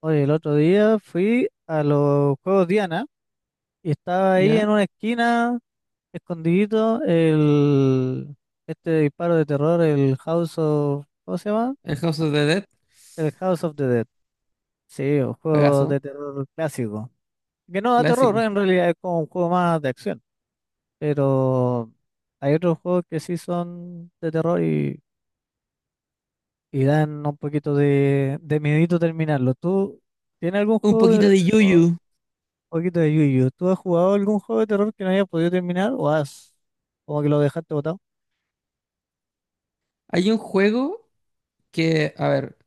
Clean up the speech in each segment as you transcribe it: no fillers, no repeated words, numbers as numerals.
Oye, el otro día fui a los Juegos Diana y estaba ahí Ya, en una esquina, escondidito, el disparo de terror, el House of, ¿cómo se llama? el House of the Dead, El House of the Dead. Sí, un juego pegazo, de terror clásico. Que no da terror, clásico. en realidad es como un juego más de acción. Pero hay otros juegos que sí son de terror y dan un poquito de miedito terminarlo. ¿Tú tienes algún Un juego poquito de de terror? Yuyu. Poquito de Yu Yuyu. ¿Tú has jugado algún juego de terror que no hayas podido terminar o has como que lo dejaste botado? Hay un juego que, a ver,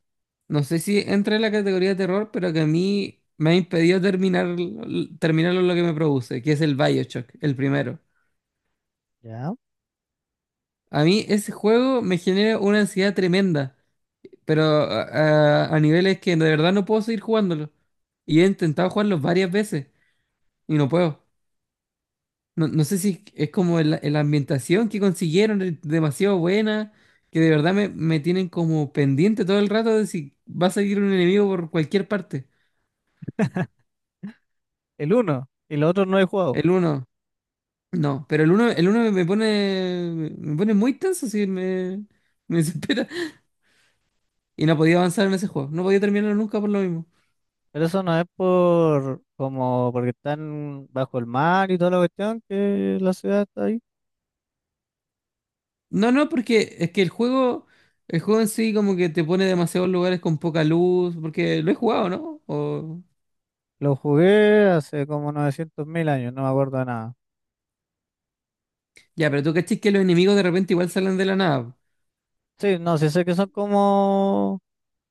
no sé si entra en la categoría de terror, pero que a mí me ha impedido terminarlo lo que me produce, que es el BioShock, el primero. Ya. A mí ese juego me genera una ansiedad tremenda, pero a niveles que de verdad no puedo seguir jugándolo. Y he intentado jugarlo varias veces y no puedo. No, no sé si es como la ambientación que consiguieron, es demasiado buena, que de verdad me tienen como pendiente todo el rato de si va a salir un enemigo por cualquier parte. El uno y los otros no he jugado. El uno, no, pero el uno me pone muy tenso, sí, me desespera. Y no podía avanzar en ese juego, no podía terminarlo nunca por lo mismo. Pero eso no es por como porque están bajo el mar y toda la cuestión que la ciudad está ahí. No, no, porque es que el juego en sí como que te pone demasiados lugares con poca luz, porque lo he jugado, ¿no? O... Lo jugué hace como 900 mil años, no me acuerdo de nada. Ya, pero tú cachis que los enemigos de repente igual salen de la nada. Sí, no, sí sé que son como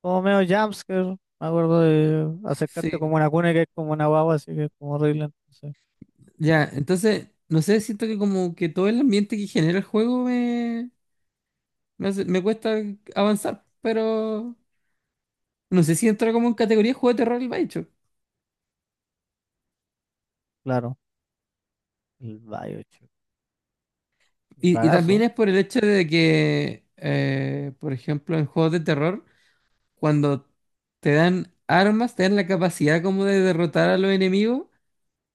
como medio jumpscare. Me acuerdo de acercarte Sí. como una cuna que es como una guagua, así que es como horrible. Entonces, Ya, entonces, no sé, siento que como que todo el ambiente que genera el juego me cuesta avanzar, pero no sé si entra como en categoría de juego de terror el Bioshock. claro, el Bioshock. Y también Rarazo. es por el hecho de que, por ejemplo, en juegos de terror, cuando te dan armas, te dan la capacidad como de derrotar a los enemigos,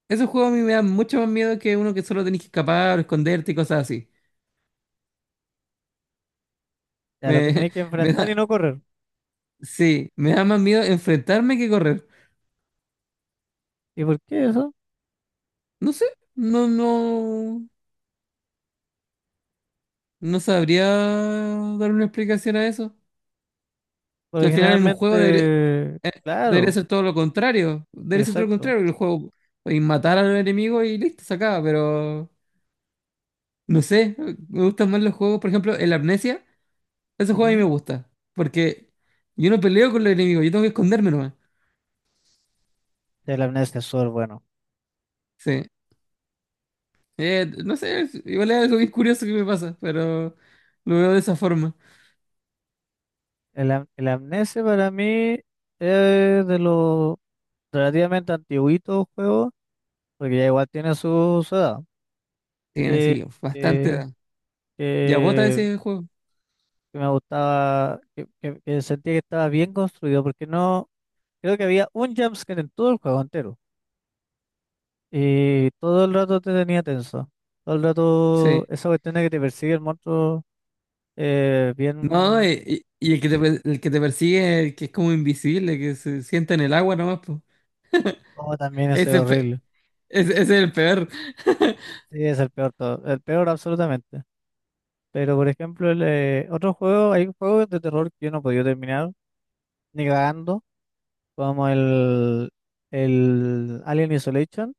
esos juegos a mí me dan mucho más miedo que uno que solo tenés que escapar o esconderte y cosas así. A lo que Me, tenéis que me enfrentar y da, no correr. sí, me da más miedo enfrentarme que correr. ¿Y por qué eso? No sé, no, no, no sabría dar una explicación a eso. Que Porque al final en un juego debería, generalmente, eh, debería claro, ser todo lo contrario. Debería ser todo lo exacto. contrario, que el juego y matar al enemigo y listo, se acaba. Pero no sé, me gustan más los juegos, por ejemplo, el Amnesia, ese juego a mí me Ujú. gusta. Porque yo no peleo con los enemigos, yo tengo que esconderme nomás. El amnesia es súper bueno. Sí. No sé, igual es algo bien curioso que me pasa, pero lo veo de esa forma. El amnesia para mí es de los relativamente antiguitos juegos, porque ya igual tiene su edad. Tiene Que, así bastante que, edad. Ya bota que- ese juego. que me gustaba, que sentía que estaba bien construido, porque no, creo que había un jumpscare en todo el juego entero. Y todo el rato te tenía tenso. Todo el rato Sí. esa cuestión de que te persigue el monstruo, No, bien, y el que te, per- el que te persigue, el que es como invisible, que se sienta en el agua nomás, pues. como también es Ese, pe- horrible. ese es el peor. Sí, es el peor todo, el peor absolutamente. Pero por ejemplo, el, otro juego, hay juegos de terror que yo no podía terminar, ni cagando, como el Alien Isolation,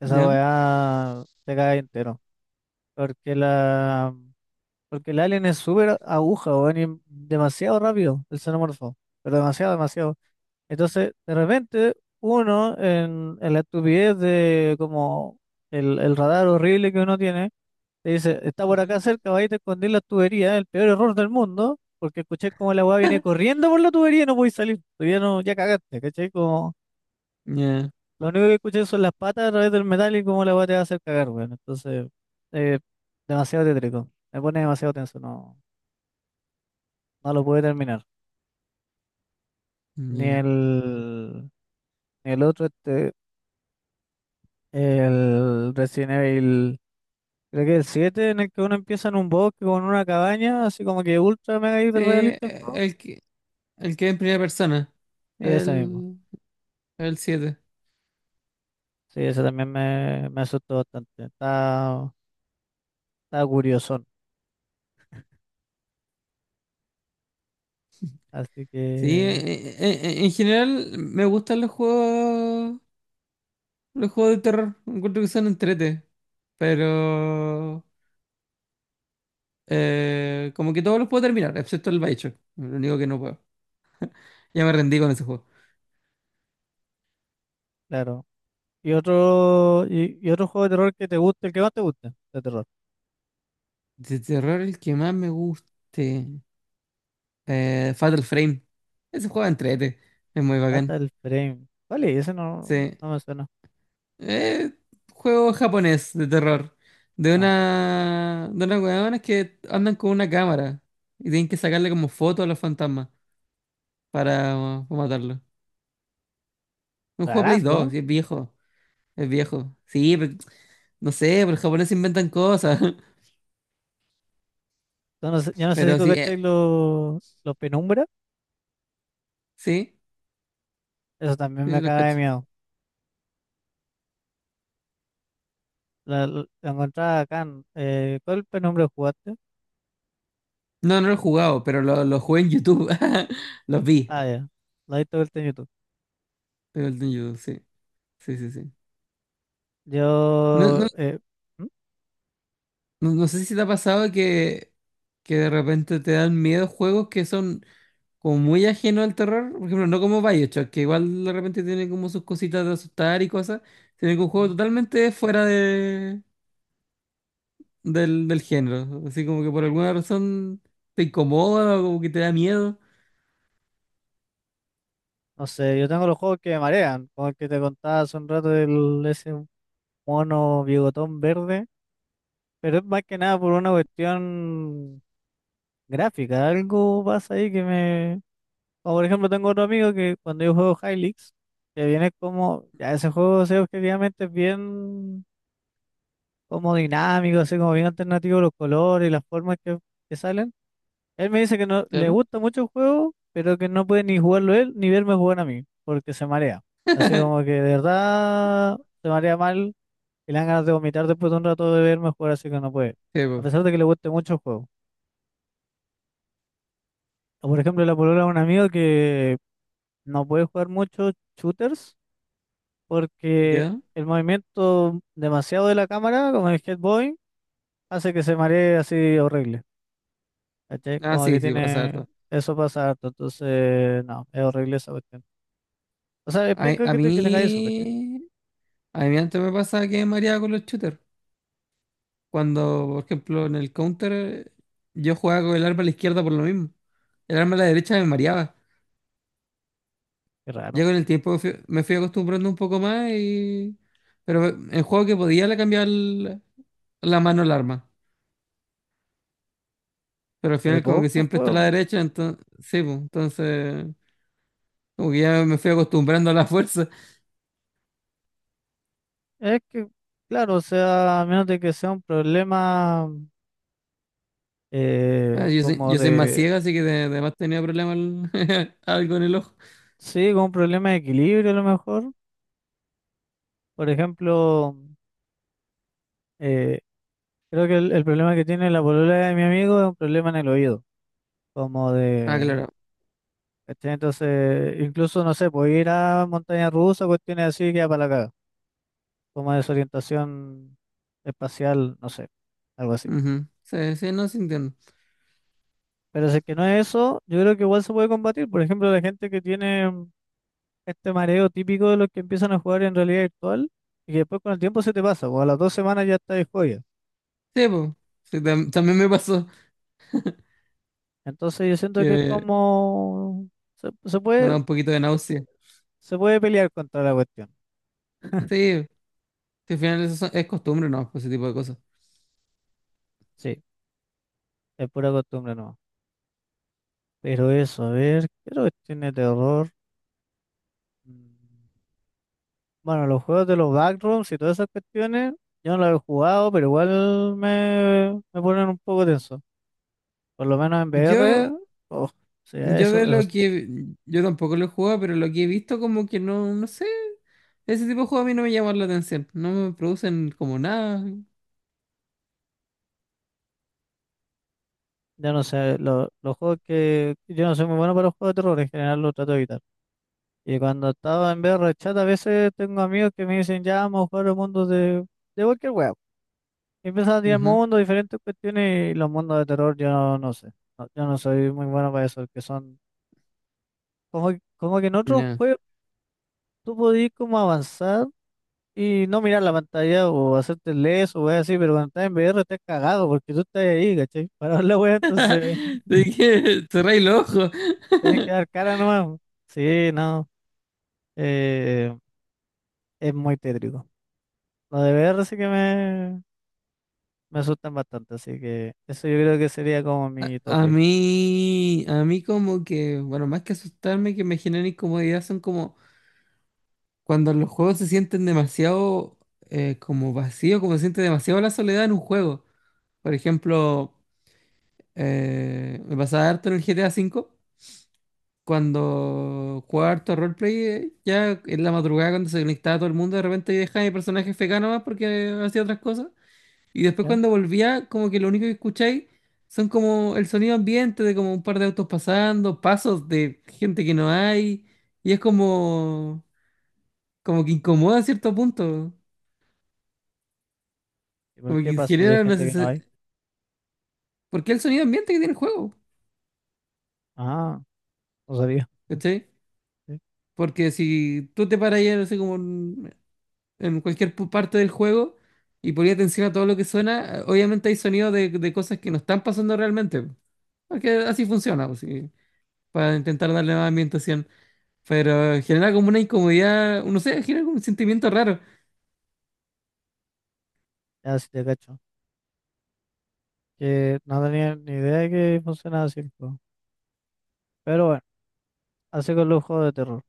esa ¿Ya? weá te cae entero. Porque la Porque el alien es súper aguja, weón, y demasiado rápido, el xenomorfo. Pero demasiado, demasiado. Entonces, de repente, uno en la estupidez de como el radar horrible que uno tiene, te dice, está por acá Ujú. cerca, va a te escondí la tubería, el peor error del mundo, porque escuché como la weá viene corriendo por la tubería y no podéis salir, tú ya no, ya cagaste, ¿cachai? Como, Ya, lo único que escuché son las patas a través del metal y cómo la weá te va a hacer cagar, weón. Entonces, eh, demasiado tétrico, me pone demasiado tenso, no, no lo pude terminar. Ni ya. el, ni el otro, este, el Resident Evil. Creo que el 7 en el que uno empieza en un bosque con una cabaña, así como que ultra mega Sí, hiper realista el juego. El que es en primera persona. Y ese mismo. El, el siete. Sí, ese también me asustó bastante. Está, está curiosón. Así Sí, que, en general me gustan los juegos de terror. Encuentro que son entrete. Pero como que todos los puedo terminar, excepto el Bioshock. Lo único que no puedo. Ya me rendí con ese juego. claro. Y otro, y otro juego de terror que te guste, el que más te guste de terror. De terror el que más me guste. Fatal Frame. Ese juego entrete. Es muy bacán. Fatal Frame. Vale, ese no, Sí. no me suena. Eh, juego japonés de terror. De No. una. De unas hueonas que andan con una cámara. Y tienen que sacarle como fotos a los fantasmas para matarlos. Un juego de Play Rarazo, 2, ¿no? y es viejo. Es viejo. Sí, pero- no sé, pero los japoneses inventan cosas. Yo no sé si Pero tú sí, cacháis los penumbra. sí, Eso también me sí, los caga de cacho. miedo. La encontraba acá. ¿Cuál penumbra jugaste? No, no lo he jugado, pero lo jugué en YouTube. Los vi. Ah, ya. La he visto vuelta en YouTube. De Golden Judo, sí. Sí, sí, sí. No, Yo, no, ¿mm? no, no sé si te ha pasado que, de repente te dan miedo juegos que son como muy ajenos al terror. Por ejemplo, no como BioShock, que igual de repente tiene como sus cositas de asustar y cosas. Tiene que un juego ¿Mm? totalmente fuera del género. Así como que por alguna razón te incomoda o como que te da miedo. No sé, yo tengo los juegos que me marean, como el que te contaba hace un rato del ese mono bigotón verde, pero es más que nada por una cuestión gráfica, algo pasa ahí que me... Como por ejemplo tengo otro amigo que cuando yo juego High Leaks, que viene como, ya ese juego o sea, objetivamente es bien como dinámico, así como bien alternativo los colores y las formas que salen. Él me dice que no le Claro. gusta mucho el juego, pero que no puede ni jugarlo él ni verme jugar a mí, porque se marea. Así como que de verdad se marea mal y le dan ganas de vomitar después de un rato de verme jugar, así que no puede. Sí, A po. pesar de que le guste mucho el juego. O por ejemplo, la polola de un amigo que no puede jugar mucho shooters porque ¿Ya? el movimiento demasiado de la cámara, como el Head Boy, hace que se maree así horrible. ¿Cachai? Ah, Como que sí, sí, pasa tiene. harto. Eso pasa harto, entonces no, es horrible esa cuestión. O sea, es A, penca a que, que tenga eso, ¿cachai? mí, a mí antes me pasaba que me mareaba con los shooters. Cuando, por ejemplo, en el counter, yo jugaba con el arma a la izquierda por lo mismo. El arma a la derecha me mareaba. Qué Ya raro. con el tiempo me fui acostumbrando un poco más y... Pero en juego que podía le cambiaba la mano al arma. Pero al Re final como que poco siempre está a la juego. derecha, entonces... Sí, pues, entonces... Como que ya me fui acostumbrando a la fuerza. Es que, claro, o sea, a menos de que sea un problema Ah, yo soy, como yo soy más de. ciega, así que además tenía problemas algo en el ojo. Sí, como un problema de equilibrio a lo mejor. Por ejemplo, eh, creo que el problema que tiene la polola de mi amigo es un problema en el oído. Como Ah, de. claro. ¿Cachai? Entonces, incluso, no sé, puede ir a montaña rusa, cuestiones así, queda para la caga. Como desorientación espacial, no sé, algo así. Ujú. Sí, sí, no, se entiende. Pero si es que no es eso, yo creo que igual se puede combatir. Por ejemplo, la gente que tiene este mareo típico de los que empiezan a jugar en realidad virtual y que después con el tiempo se te pasa, o a las dos semanas ya estás de joya. Sí, pues. Sí, también me pasó Entonces yo siento que es que como... Se, me da un poquito de náusea. se puede pelear contra la cuestión. Sí, que al final eso son- es costumbre, ¿no? Pues ese tipo de cosas. Sí, es pura costumbre no. Pero eso, a ver, ¿qué otra cuestión de terror? Mm, Bueno, los juegos de los backrooms y todas esas cuestiones, yo no los he jugado, pero igual me, me ponen un poco tenso. Por lo menos en VR, Yo, oh, sí, yo eso, de eso lo sí. que... Yo tampoco lo he jugado, pero lo que he visto como que no, no sé. Ese tipo de juego a mí no me llama la atención. No me producen como nada. Yo no sé, los juegos que... Yo no soy muy bueno para los juegos de terror, en general los trato de evitar. Y cuando estaba en VR chat, a veces tengo amigos que me dicen, ya vamos a jugar el mundo de cualquier web. Y empiezan a tirar Ujú, mundos, diferentes cuestiones, y los mundos de terror yo no, no sé. No, yo no soy muy bueno para eso, que son... Como, como que en otros ya. juegos tú podías como avanzar. Y no mirar la pantalla o hacerte el leso o weas así, pero cuando estás en VR estás cagado porque tú estás ahí, ¿cachai? Para ver la wea, entonces ¿De qué? Cerré el ojo. tienes que dar cara nomás. Sí, no, eh, es muy tétrico. Lo de VR sí que me asustan bastante, así que eso yo creo que sería como A, mi a tope, mí, a mí como que, bueno, más que asustarme, que me generan incomodidad, son como cuando los juegos se sienten demasiado como vacío, como se siente demasiado la soledad en un juego. Por ejemplo, me pasaba harto en el GTA V, cuando jugaba harto roleplay, ya en la madrugada cuando se conectaba todo el mundo, de repente yo dejaba mi personaje FK más porque hacía otras cosas. Y después ¿ya? cuando volvía, como que lo único que escucháis son como el sonido ambiente de como un par de autos pasando, pasos de gente que no hay. Y es como, como que incomoda a cierto punto. ¿Y por Como qué que paso si hay genera una gente que no hay? sensación... Porque es el sonido ambiente que tiene el juego, Ah, no sabía. ¿cachai? Sí, Porque si tú te paras ahí, no sé, como en, cualquier parte del juego y ponías atención a todo lo que suena, obviamente hay sonidos de cosas que no están pasando realmente. Porque así funciona, pues, sí, para intentar darle más ambientación. Pero genera como una incomodidad, no sé, genera como un sentimiento raro. ya sí te cacho. Que no tenía ni idea de que funcionaba así el juego. Pero bueno, así con los juegos de terror.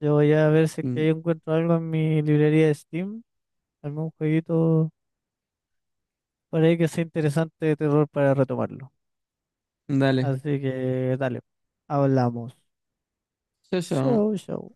Yo voy a ver si es que Mm, yo encuentro algo en mi librería de Steam, algún jueguito por ahí que sea interesante de terror para retomarlo. Dale Así que dale, hablamos. Chao, chao. Chau, chau.